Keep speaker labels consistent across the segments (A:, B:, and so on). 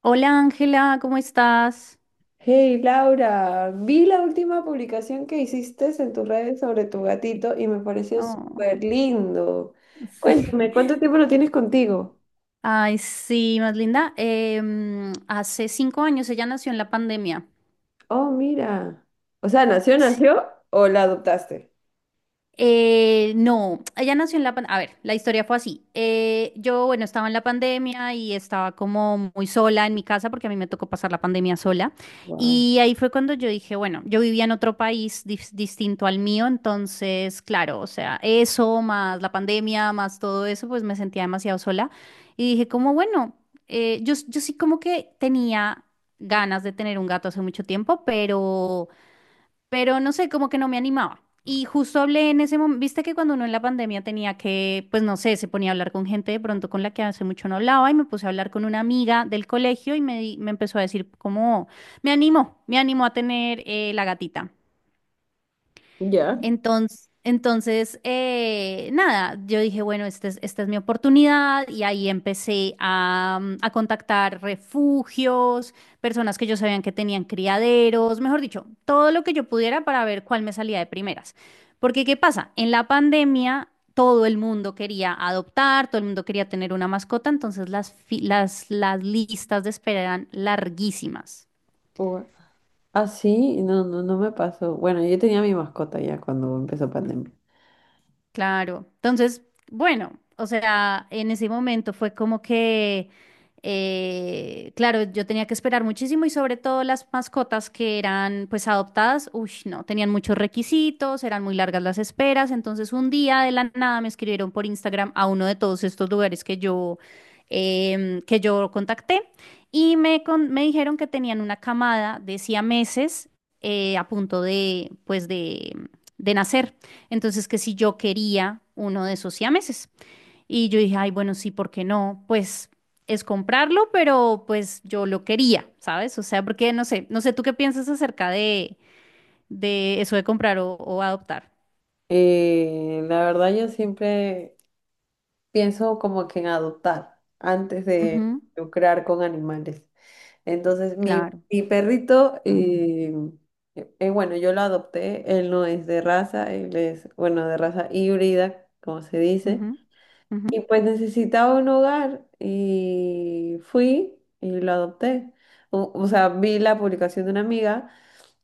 A: Hola Ángela, ¿cómo estás?
B: Hey Laura, vi la última publicación que hiciste en tus redes sobre tu gatito y me pareció
A: Oh,
B: súper lindo.
A: sí.
B: Cuéntame, ¿cuánto tiempo lo tienes contigo?
A: Ay, sí, más linda. Hace 5 años ella nació en la pandemia.
B: Oh, mira. O sea, ¿nació,
A: Sí.
B: nació o la adoptaste?
A: No, ella nació en la pandemia. A ver, la historia fue así. Yo, bueno, estaba en la pandemia y estaba como muy sola en mi casa porque a mí me tocó pasar la pandemia sola.
B: Wow.
A: Y ahí fue cuando yo dije, bueno, yo vivía en otro país distinto al mío, entonces, claro, o sea, eso más la pandemia, más todo eso, pues me sentía demasiado sola. Y dije, como bueno, yo sí como que tenía ganas de tener un gato hace mucho tiempo, pero no sé, como que no me animaba. Y justo hablé en ese momento, viste que cuando uno en la pandemia tenía que, pues no sé, se ponía a hablar con gente de pronto con la que hace mucho no hablaba y me puse a hablar con una amiga del colegio y me, me empezó a decir como, me animó a tener la gatita.
B: Ya.
A: Entonces, nada, yo dije, bueno, esta es mi oportunidad y ahí empecé a, a contactar refugios, personas que yo sabían que tenían criaderos, mejor dicho, todo lo que yo pudiera para ver cuál me salía de primeras. Porque, ¿qué pasa? En la pandemia todo el mundo quería adoptar, todo el mundo quería tener una mascota, entonces las listas de espera eran larguísimas.
B: Ua- Ah, sí, no, no, no me pasó. Bueno, yo tenía mi mascota ya cuando empezó pandemia.
A: Claro. Entonces, bueno, o sea, en ese momento fue como que, claro, yo tenía que esperar muchísimo y sobre todo las mascotas que eran pues adoptadas, uy, no, tenían muchos requisitos, eran muy largas las esperas, entonces un día de la nada me escribieron por Instagram a uno de todos estos lugares que yo, que yo contacté y me, me dijeron que tenían una camada de siameses a punto de, pues de nacer. Entonces, que si yo quería uno de esos siameses. Y yo dije, ay, bueno, sí, ¿por qué no? Pues es comprarlo, pero pues yo lo quería, ¿sabes? O sea, porque no sé, no sé, ¿tú qué piensas acerca de eso de comprar o adoptar?
B: La verdad, yo siempre pienso como que en adoptar antes de
A: Ujú,
B: lucrar con animales. Entonces, mi,
A: claro.
B: mi perrito, bueno, yo lo adopté, él no es de raza, él es, bueno, de raza híbrida, como se dice,
A: Ujú, ujú,
B: y pues necesitaba un hogar y fui y lo adopté. O sea, vi la publicación de una amiga,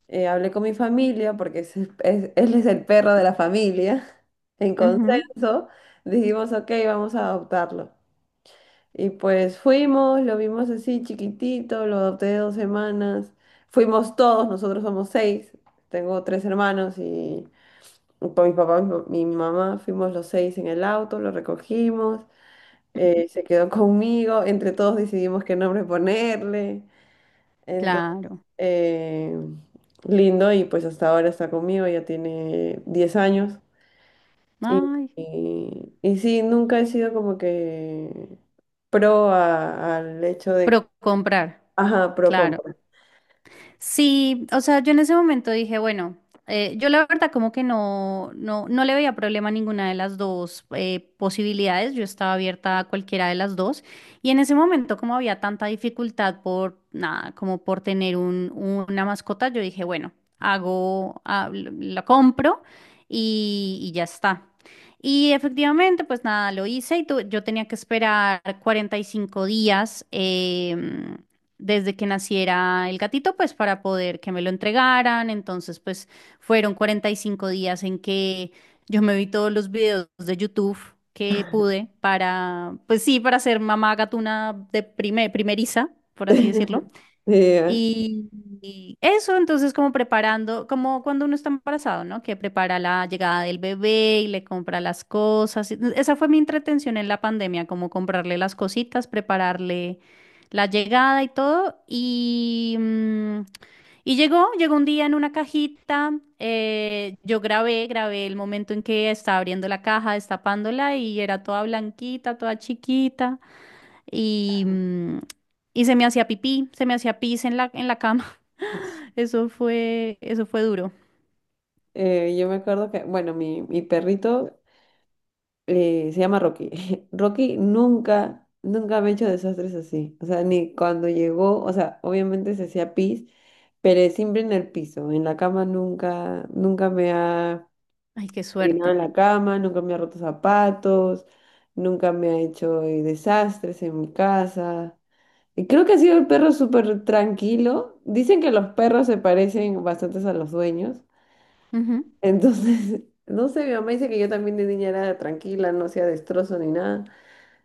B: hablé con mi familia, porque él es el perro de la familia, en
A: ujú,
B: consenso, dijimos, ok, vamos a adoptarlo. Y pues fuimos, lo vimos así chiquitito, lo adopté de 2 semanas. Fuimos todos, nosotros somos seis. Tengo tres hermanos y con mi papá, mi mamá, fuimos los seis en el auto, lo recogimos,
A: ujú.
B: se quedó conmigo, entre todos decidimos qué nombre ponerle. Entonces,
A: Claro.
B: eh, lindo y pues hasta ahora está conmigo, ya tiene 10 años. Y,
A: Ay,
B: y, y sí, nunca he sido como que al hecho de
A: pro comprar.
B: Ajá, pro
A: Claro.
B: compra.
A: Sí, o sea, yo en ese momento dije, bueno, yo la verdad como que no, no, no le veía problema a ninguna de las dos posibilidades, yo estaba abierta a cualquiera de las dos y en ese momento como había tanta dificultad por nada, como por tener un, una mascota, yo dije, bueno, hago, ah, la compro y ya está. Y efectivamente, pues nada, lo hice y yo tenía que esperar 45 días. Desde que naciera el gatito, pues para poder que me lo entregaran. Entonces, pues fueron 45 días en que yo me vi todos los videos de YouTube que pude para, pues sí, para ser mamá gatuna de primeriza, por así decirlo.
B: Eh,
A: Y, y eso, entonces, como preparando, como cuando uno está embarazado, ¿no? Que prepara la llegada del bebé y le compra las cosas. Esa fue mi entretención en la pandemia, como comprarle las cositas, prepararle la llegada y todo. Y llegó un día en una cajita. Yo grabé el momento en que estaba abriendo la caja, destapándola y era toda blanquita, toda chiquita. Y, mm, y se me hacía pipí, se me hacía pis en la cama. Eso fue duro.
B: yo me acuerdo que, bueno, mi perrito se llama Rocky. Rocky nunca, nunca me ha hecho desastres así. O sea, ni cuando llegó, o sea, obviamente se hacía pis, pero siempre en el piso. En la cama nunca, nunca me ha
A: Ay, qué
B: orinado en
A: suerte.
B: la cama, nunca me ha roto zapatos, nunca me ha hecho desastres en mi casa. Y creo que ha sido el perro súper tranquilo. Dicen que los perros se parecen bastante a los dueños.
A: Ujú,
B: Entonces, no sé, mi mamá dice que yo también de niña era tranquila, no hacía destrozo ni nada,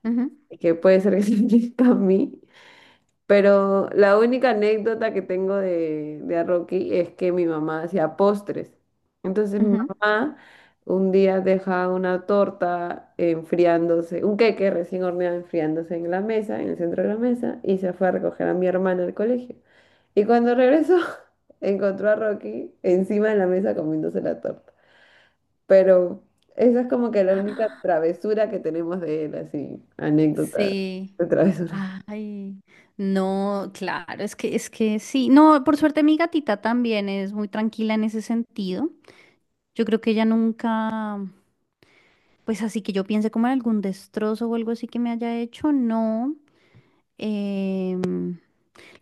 A: ujú,
B: y que puede ser que se aplica a mí. Pero la única anécdota que tengo de a Rocky es que mi mamá hacía postres. Entonces mi
A: ujú.
B: mamá un día deja una torta enfriándose, un queque recién horneado enfriándose en la mesa, en el centro de la mesa, y se fue a recoger a mi hermana al colegio. Y cuando regresó, encontró a Rocky encima de la mesa comiéndose la torta. Pero esa es como que la única travesura que tenemos de él, así, anécdota
A: Sí.
B: de travesura.
A: Ay, no, claro, es que sí. No, por suerte mi gatita también es muy tranquila en ese sentido. Yo creo que ella nunca, pues así que yo piense como en algún destrozo o algo así que me haya hecho, no. Em,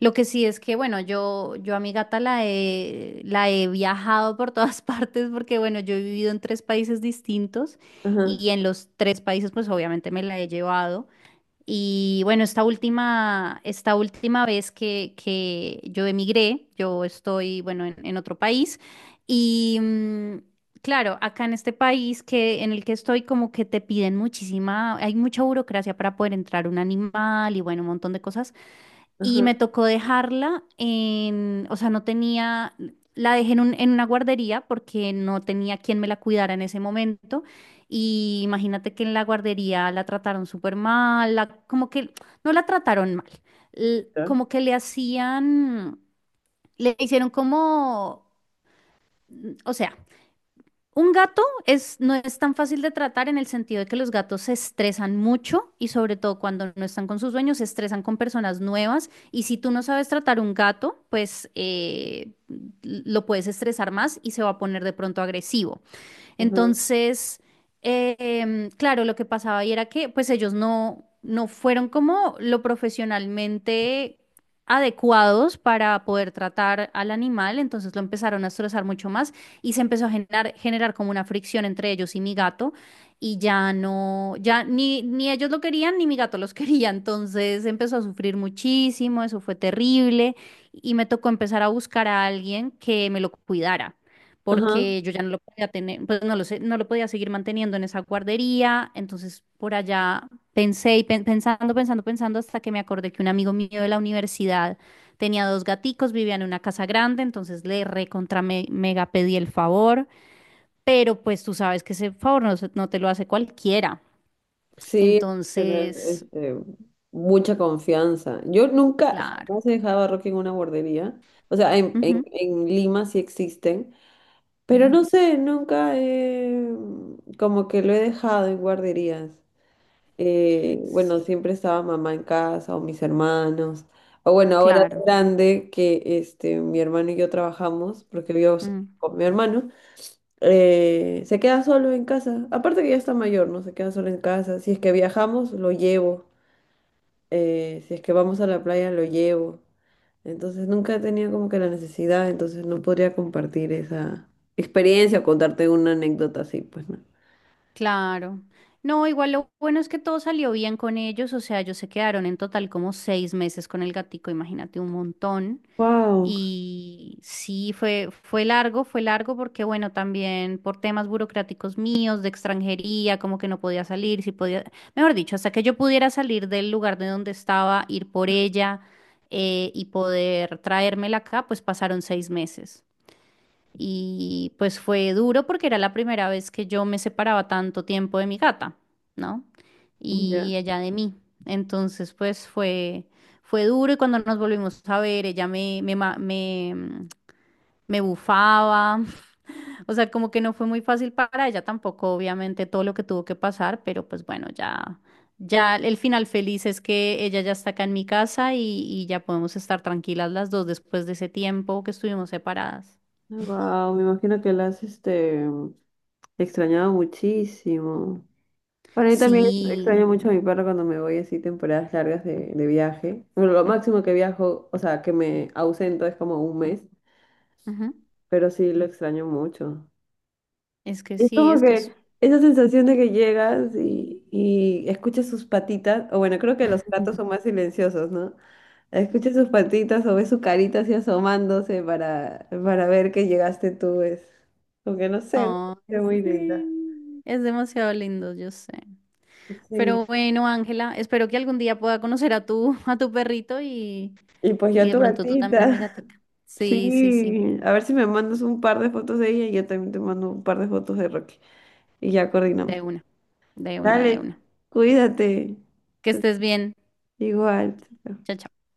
A: Lo que sí es que, bueno, yo a mi gata la he viajado por todas partes porque, bueno, yo he vivido en 3 países distintos
B: Ajá,
A: y en los 3 países, pues obviamente me la he llevado. Y bueno, esta última vez que yo emigré, yo estoy, bueno, en otro país y claro, acá en este país que, en el que estoy, como que te piden muchísima, hay mucha burocracia para poder entrar un animal y, bueno, un montón de cosas y
B: ajá,
A: me tocó dejarla en, o sea, no tenía, la dejé en, en una guardería porque no tenía quien me la cuidara en ese momento. Y imagínate que en la guardería la trataron súper mal, como que no la trataron mal,
B: ya,
A: como que le hacían, le hicieron como, o sea, un gato es, no es tan fácil de tratar en el sentido de que los gatos se estresan mucho y sobre todo cuando no están con sus dueños se estresan con personas nuevas y si tú no sabes tratar un gato, pues lo puedes estresar más y se va a poner de pronto agresivo.
B: ajá,
A: Entonces, claro, lo que pasaba ahí era que pues ellos no, no fueron como lo profesionalmente adecuados para poder tratar al animal, entonces lo empezaron a estresar mucho más y se empezó a generar como una fricción entre ellos y mi gato y ya no, ya ni, ni ellos lo querían ni mi gato los quería, entonces empezó a sufrir muchísimo, eso fue terrible y me tocó empezar a buscar a alguien que me lo cuidara
B: ajá.
A: porque yo ya no lo podía tener, pues no lo sé, no lo podía seguir manteniendo en esa guardería. Entonces, por allá pensé y pensando, pensando, pensando, hasta que me acordé que un amigo mío de la universidad tenía 2 gaticos, vivía en una casa grande, entonces le recontra mega pedí el favor, pero pues tú sabes que ese favor no, no te lo hace cualquiera.
B: Sí, tener
A: Entonces,
B: mucha confianza. Yo nunca,
A: claro.
B: jamás he dejado a Rocky en una guardería. O sea, en, en,
A: Ujú,
B: en Lima sí existen, pero
A: ujú.
B: no sé, nunca he, como que lo he dejado en guarderías.
A: s-
B: Bueno, siempre estaba mamá en casa o mis hermanos. O bueno, ahora
A: Claro.
B: es grande que mi hermano y yo trabajamos, porque vivo
A: Mm.
B: con mi hermano, se queda solo en casa. Aparte que ya está mayor, ¿no? Se queda solo en casa. Si es que viajamos, lo llevo. Si es que vamos a la playa, lo llevo. Entonces nunca he tenido como que la necesidad, entonces no podría compartir esa experiencia o contarte una anécdota así, pues no.
A: Claro. No, igual lo bueno es que todo salió bien con ellos, o sea, ellos se quedaron en total como 6 meses con el gatico, imagínate un montón.
B: Wow.
A: Y sí, fue, fue largo porque bueno, también por temas burocráticos míos, de extranjería, como que no podía salir, si podía, mejor dicho, hasta que yo pudiera salir del lugar de donde estaba, ir por ella y poder traérmela acá, pues pasaron 6 meses. Y pues fue duro porque era la primera vez que yo me separaba tanto tiempo de mi gata, ¿no?
B: Ya.
A: Y ella de mí. Entonces, pues fue, fue duro y cuando nos volvimos a ver, ella me, me, me bufaba. O sea, como que no fue muy fácil para ella tampoco, obviamente, todo lo que tuvo que pasar, pero pues bueno, ya, ya el final feliz es que ella ya está acá en mi casa y ya podemos estar tranquilas las dos después de ese tiempo que estuvimos separadas.
B: Wow, me imagino que la has. Extrañaba muchísimo. Bueno, yo también extraño
A: Sí,
B: mucho a mi perro cuando me voy así temporadas largas de viaje. Bueno, lo máximo que viajo, o sea, que me ausento es como un mes,
A: ajá.
B: pero sí lo extraño mucho.
A: Es que
B: Y es
A: sí,
B: como
A: es que
B: que
A: es...
B: esa sensación de que llegas y escuchas sus patitas, o bueno, creo que los gatos son más silenciosos, ¿no? Escuchas sus patitas o ves su carita así asomándose para ver que llegaste tú, es como que no sé, ¿no?
A: Ay,
B: Es muy linda.
A: sí, es demasiado lindo, yo sé.
B: Sí.
A: Pero bueno, Ángela, espero que algún día pueda conocer a tu perrito
B: Y pues yo
A: y
B: a
A: de
B: tu
A: pronto tú también a mi
B: gatita.
A: gatica. Sí, sí, sí,
B: Sí, a ver si me mandas un par de fotos de ella y yo también te mando un par de fotos de Rocky. Y ya coordinamos.
A: de una, de una, de
B: Dale,
A: una.
B: cuídate.
A: Que estés bien.
B: Igual.
A: Chao, chao.